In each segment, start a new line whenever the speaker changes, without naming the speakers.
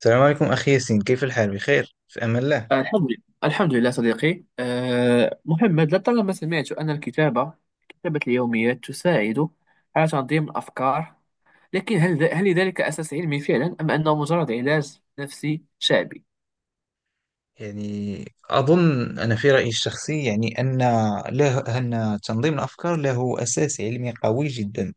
السلام عليكم أخي ياسين، كيف الحال؟ بخير في أمان الله.
الحمد لله، الحمد لله صديقي. محمد، لطالما سمعت أن كتابة اليوميات تساعد على تنظيم الأفكار، لكن هل لذلك أساس علمي فعلا، أم أنه مجرد علاج نفسي شعبي؟
يعني أظن، أنا في رأيي الشخصي يعني أن له أن تنظيم الأفكار له أساس علمي قوي جدا.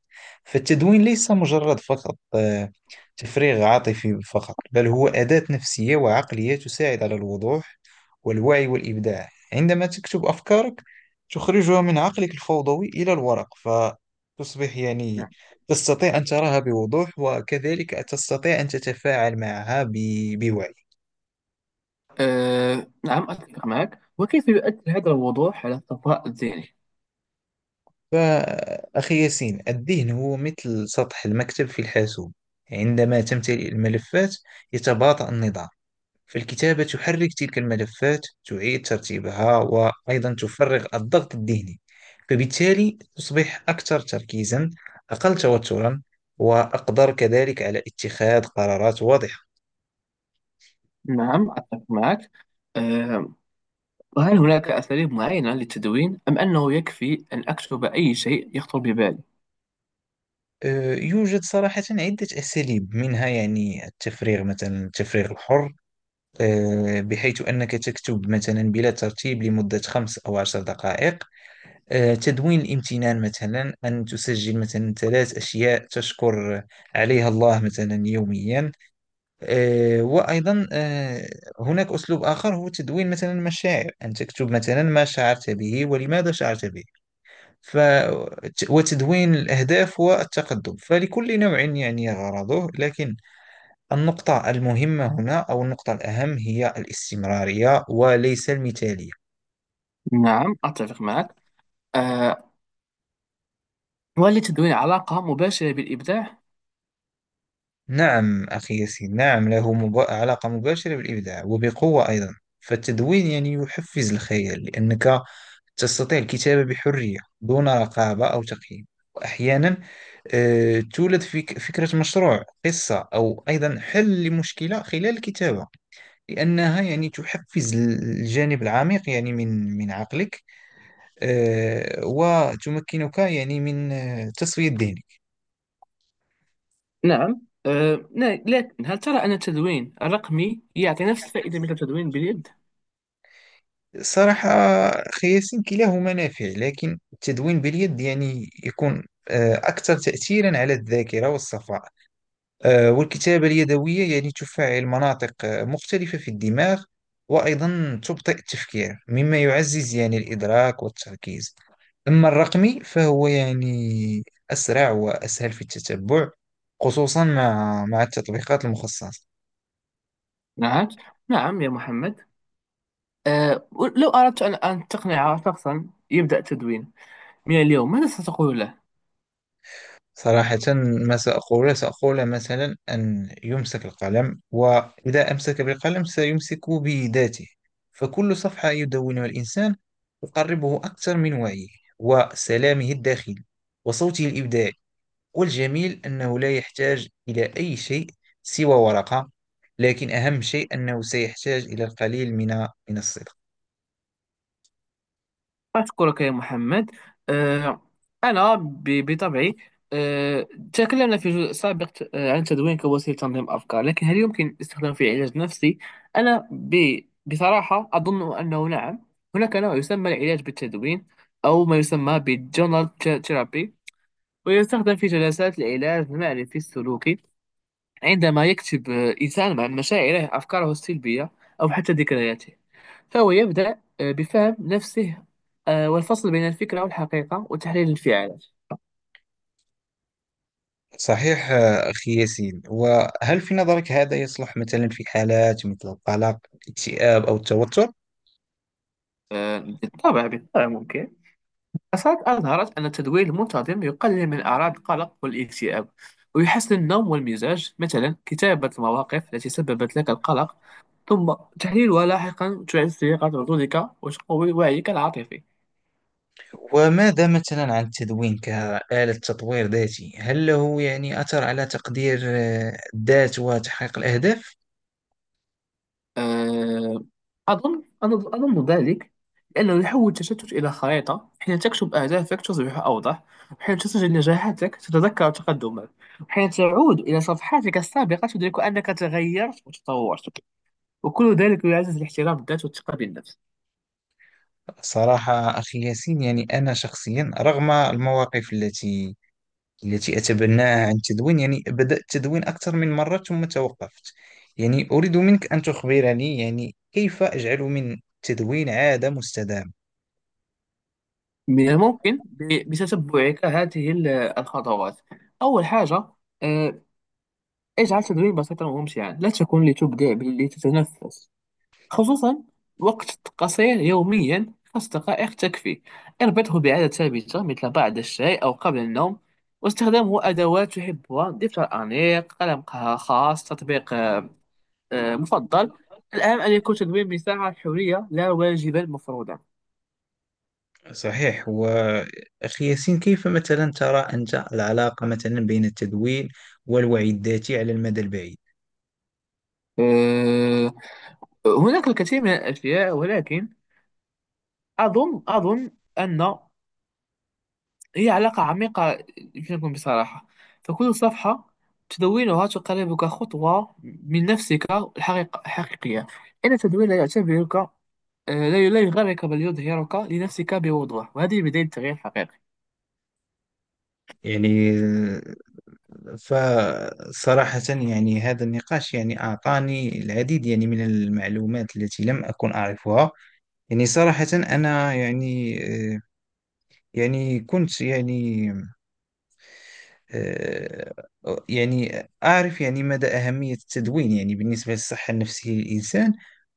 فالتدوين ليس مجرد فقط تفريغ عاطفي فقط، بل هو أداة نفسية وعقلية تساعد على الوضوح والوعي والإبداع. عندما تكتب أفكارك تخرجها من عقلك الفوضوي إلى الورق، فتصبح يعني
نعم.
تستطيع أن تراها بوضوح، وكذلك تستطيع أن تتفاعل معها بوعي.
نعم، أتفق معك. وكيف يؤثر هذا الوضوح على الصفاء الذهني؟
فأخي ياسين، الذهن هو مثل سطح المكتب في الحاسوب. عندما تمتلئ الملفات يتباطأ النظام، فالكتابة تحرك تلك الملفات، تعيد ترتيبها، وأيضا تفرغ الضغط الذهني. فبالتالي تصبح أكثر تركيزا، أقل توترا، وأقدر كذلك على اتخاذ قرارات واضحة.
نعم، أتفق معك. أه وهل هناك أساليب معينة للتدوين، أم أنه يكفي أن أكتب أي شيء يخطر ببالي؟
يوجد صراحة عدة أساليب، منها يعني التفريغ، مثلا التفريغ الحر، بحيث أنك تكتب مثلا بلا ترتيب لمدة 5 أو 10 دقائق. تدوين الامتنان، مثلا أن تسجل مثلا 3 أشياء تشكر عليها الله مثلا يوميا. آه، وأيضا آه، هناك أسلوب آخر هو تدوين مثلا المشاعر، أن تكتب مثلا ما شعرت به ولماذا شعرت به. ف... وتدوين الأهداف والتقدم، فلكل نوع يعني غرضه، لكن النقطة المهمة هنا أو النقطة الأهم هي الاستمرارية وليس المثالية.
نعم، أتفق معك. آه، وهل للتدوين علاقة مباشرة بالإبداع؟
نعم أخي ياسين، نعم له علاقة مباشرة بالإبداع وبقوة أيضا. فالتدوين يعني يحفز الخيال لأنك تستطيع الكتابة بحرية دون رقابة أو تقييم. وأحيانا تولد فيك فكرة مشروع، قصة، أو أيضا حل لمشكلة خلال الكتابة، لأنها يعني تحفز الجانب العميق يعني من عقلك. وتمكنك يعني من تسوية ذهنك.
نعم. أه لا- لكن هل ترى أن التدوين الرقمي يعطي نفس الفائدة مثل التدوين باليد؟
صراحة أخي ياسين، كلاهما نافع، لكن التدوين باليد يعني يكون أكثر تأثيرا على الذاكرة والصفاء. والكتابة اليدوية يعني تفعل مناطق مختلفة في الدماغ، وأيضا تبطئ التفكير مما يعزز يعني الإدراك والتركيز. أما الرقمي فهو يعني أسرع وأسهل في التتبع، خصوصا مع التطبيقات المخصصة.
نعم، نعم يا محمد. أه لو أردت أن تقنع شخصا يبدأ التدوين من اليوم، ماذا ستقول له؟
صراحة، ما سأقول، سأقول مثلا أن يمسك القلم، وإذا أمسك بالقلم سيمسك بذاته. فكل صفحة يدونها الإنسان تقربه أكثر من وعيه، وسلامه الداخلي، وصوته الإبداعي. والجميل أنه لا يحتاج إلى أي شيء سوى ورقة، لكن أهم شيء أنه سيحتاج إلى القليل من الصدق.
أشكرك يا محمد. آه، أنا بطبعي. آه، تكلمنا في جزء سابق عن تدوين كوسيلة تنظيم أفكار، لكن هل يمكن استخدامه في علاج نفسي؟ أنا بصراحة أظن أنه نعم. هناك نوع يسمى العلاج بالتدوين، أو ما يسمى بالجونال ثيرابي، ويستخدم في جلسات العلاج المعرفي السلوكي. عندما يكتب إنسان عن مشاعره، أفكاره السلبية، أو حتى ذكرياته، فهو يبدأ بفهم نفسه، والفصل بين الفكرة والحقيقة وتحليل الانفعالات.
صحيح أخي ياسين، وهل في نظرك هذا يصلح مثلا في حالات مثل القلق، الاكتئاب، أو التوتر؟
بالطبع، بالطبع ممكن. دراسات أظهرت أن التدوير المنتظم يقلل من أعراض القلق والاكتئاب، ويحسن النوم والمزاج. مثلا، كتابة المواقف التي سببت لك القلق، ثم تحليلها لاحقا، تعزز ثقة ردودك وتقوي وعيك العاطفي.
وماذا مثلا عن التدوين كآلة تطوير ذاتي؟ هل له يعني أثر على تقدير الذات وتحقيق الأهداف؟
آه، أظن ذلك، لأنه يحول التشتت إلى خريطة. حين تكتب أهدافك تصبح أوضح، وحين تسجل نجاحاتك تتذكر تقدمك، وحين تعود إلى صفحاتك السابقة تدرك أنك تغيرت وتطورت. وكل ذلك يعزز الاحترام بالذات والثقة بالنفس.
صراحة أخي ياسين، يعني أنا شخصيا رغم المواقف التي أتبناها عن التدوين، يعني بدأت التدوين أكثر من مرة ثم توقفت. يعني أريد منك أن تخبرني يعني كيف أجعل من التدوين عادة مستدامة.
من الممكن بتتبعك هذه الخطوات. أول حاجة، آه، اجعل تدوين بسيطا وممتعا، لا تكن لتبدع بل لتتنفس. خصوصا، وقت قصير يوميا، 5 دقائق تكفي. اربطه بعادة ثابتة، مثل بعد الشاي أو قبل النوم. واستخدامه أدوات تحبها، دفتر أنيق، قلم خاص، تطبيق مفضل. الأهم أن يكون تدوين مساحة حرية، لا واجبا مفروضا.
صحيح وأخي ياسين، كيف مثلا ترى أنت العلاقة مثلا بين التدوين والوعي الذاتي على المدى البعيد؟
آه، هناك الكثير من الأشياء، ولكن أظن أن هي علاقة عميقة. يمكن نكون بصراحة، فكل صفحة تدونها تقربك خطوة من نفسك الحقيقة الحقيقية. إن التدوين لا يعتبرك، لا، لا يغرك، بل يظهرك لنفسك بوضوح. وهذه بداية التغيير الحقيقي.
يعني فصراحة يعني هذا النقاش يعني أعطاني العديد يعني من المعلومات التي لم أكن أعرفها. يعني صراحة أنا يعني آه، يعني كنت يعني آه، يعني أعرف يعني مدى أهمية التدوين يعني بالنسبة للصحة النفسية للإنسان،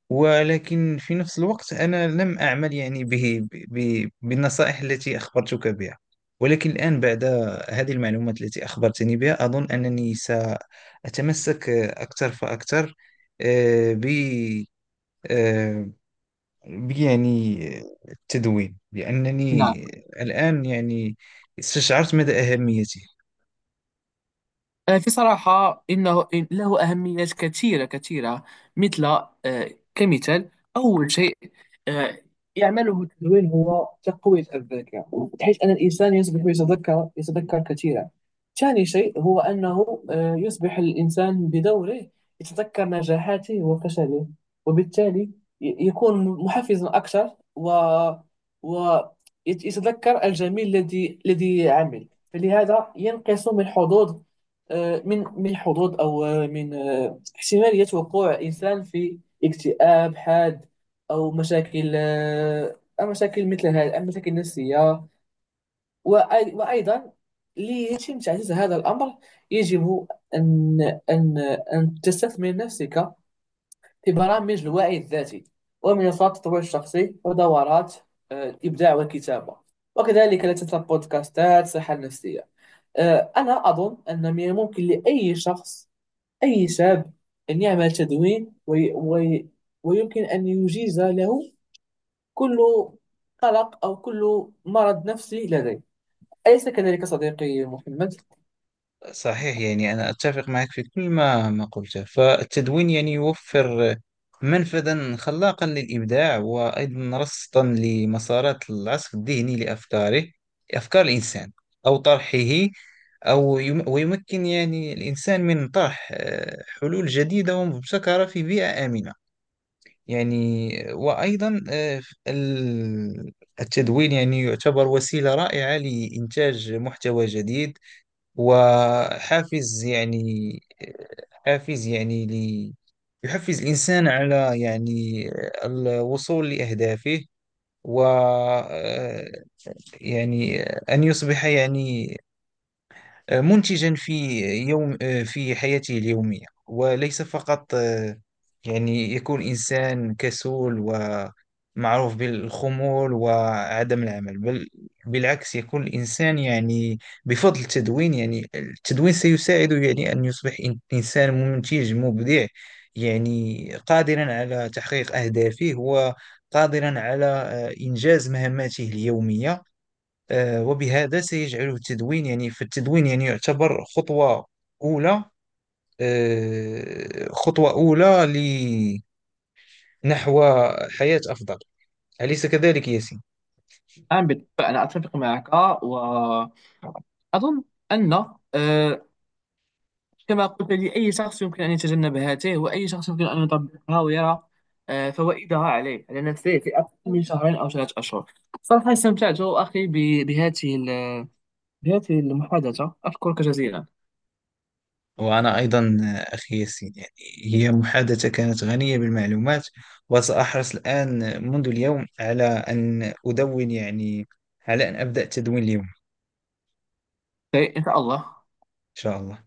ولكن في نفس الوقت أنا لم أعمل يعني به بالنصائح التي أخبرتك بها. ولكن الآن بعد هذه المعلومات التي أخبرتني بها أظن أنني سأتمسك أكثر فأكثر آه، ب آه، يعني التدوين، لأنني
نعم.
الآن يعني استشعرت مدى أهميته.
في صراحة، إن له أهميات كثيرة كثيرة. مثل، آه، كمثال، أول شيء آه، يعمله التدوين هو تقوية الذاكرة، بحيث أن الإنسان يصبح يتذكر كثيرا. ثاني شيء هو أنه يصبح الإنسان بدوره يتذكر نجاحاته وفشله، وبالتالي يكون محفزا أكثر، و ويتذكر الجميل الذي عمل. فلهذا ينقص من حظوظ، من حظوظ، أو من احتمالية وقوع إنسان في اكتئاب حاد، أو مشاكل، أو مشاكل مثل هذه المشاكل النفسية. وأيضا، ليتم تعزيز هذا الأمر، يجب أن أن أن تستثمر نفسك في برامج الوعي الذاتي ومنصات التطوير الشخصي ودورات الإبداع والكتابة، وكذلك لا تنسى بودكاستات الصحة النفسية. أنا أظن أن من الممكن لأي شخص، أي شاب، أن يعمل تدوين، وي وي ويمكن أن يجيز له كل قلق أو كل مرض نفسي لديه. أليس كذلك صديقي محمد؟
صحيح، يعني أنا أتفق معك في كل ما قلته. فالتدوين يعني يوفر منفذا خلاقا للإبداع، وأيضا رصدا لمسارات العصف الذهني لأفكاره، أفكار الإنسان، أو طرحه. أو ويمكن يعني الإنسان من طرح حلول جديدة ومبتكرة في بيئة آمنة، يعني. وأيضا ال- التدوين يعني يعتبر وسيلة رائعة لإنتاج محتوى جديد، وحافز يعني، حافز يعني لي، يحفز الإنسان على يعني الوصول لأهدافه. و يعني أن يصبح يعني منتجا في يوم، في حياته اليومية، وليس فقط يعني يكون إنسان كسول ومعروف بالخمول وعدم العمل، بل بالعكس يكون الإنسان يعني بفضل التدوين، يعني التدوين سيساعده يعني أن يصبح إنسان منتج مبدع، يعني قادرا على تحقيق أهدافه وقادرا على إنجاز مهماته اليومية. وبهذا سيجعله التدوين يعني، فالتدوين يعني يعتبر خطوة أولى، خطوة أولى لنحو حياة أفضل. أليس كذلك ياسين؟
نعم، بالطبع، أنا أتفق معك. وأظن أن آه، كما قلت لي، أي شخص يمكن أن يتجنب هاته، وأي شخص يمكن أن يطبقها ويرى فوائدها عليه، على نفسه، في أقل من شهرين أو 3 أشهر. صراحة، استمتعت أخي بهذه المحادثة. أشكرك جزيلا.
وأنا أيضا أخي ياسين، يعني هي محادثة كانت غنية بالمعلومات. وسأحرص الآن منذ اليوم على أن أدون، يعني على أن أبدأ تدوين اليوم إن
إيه، إن شاء الله.
شاء الله.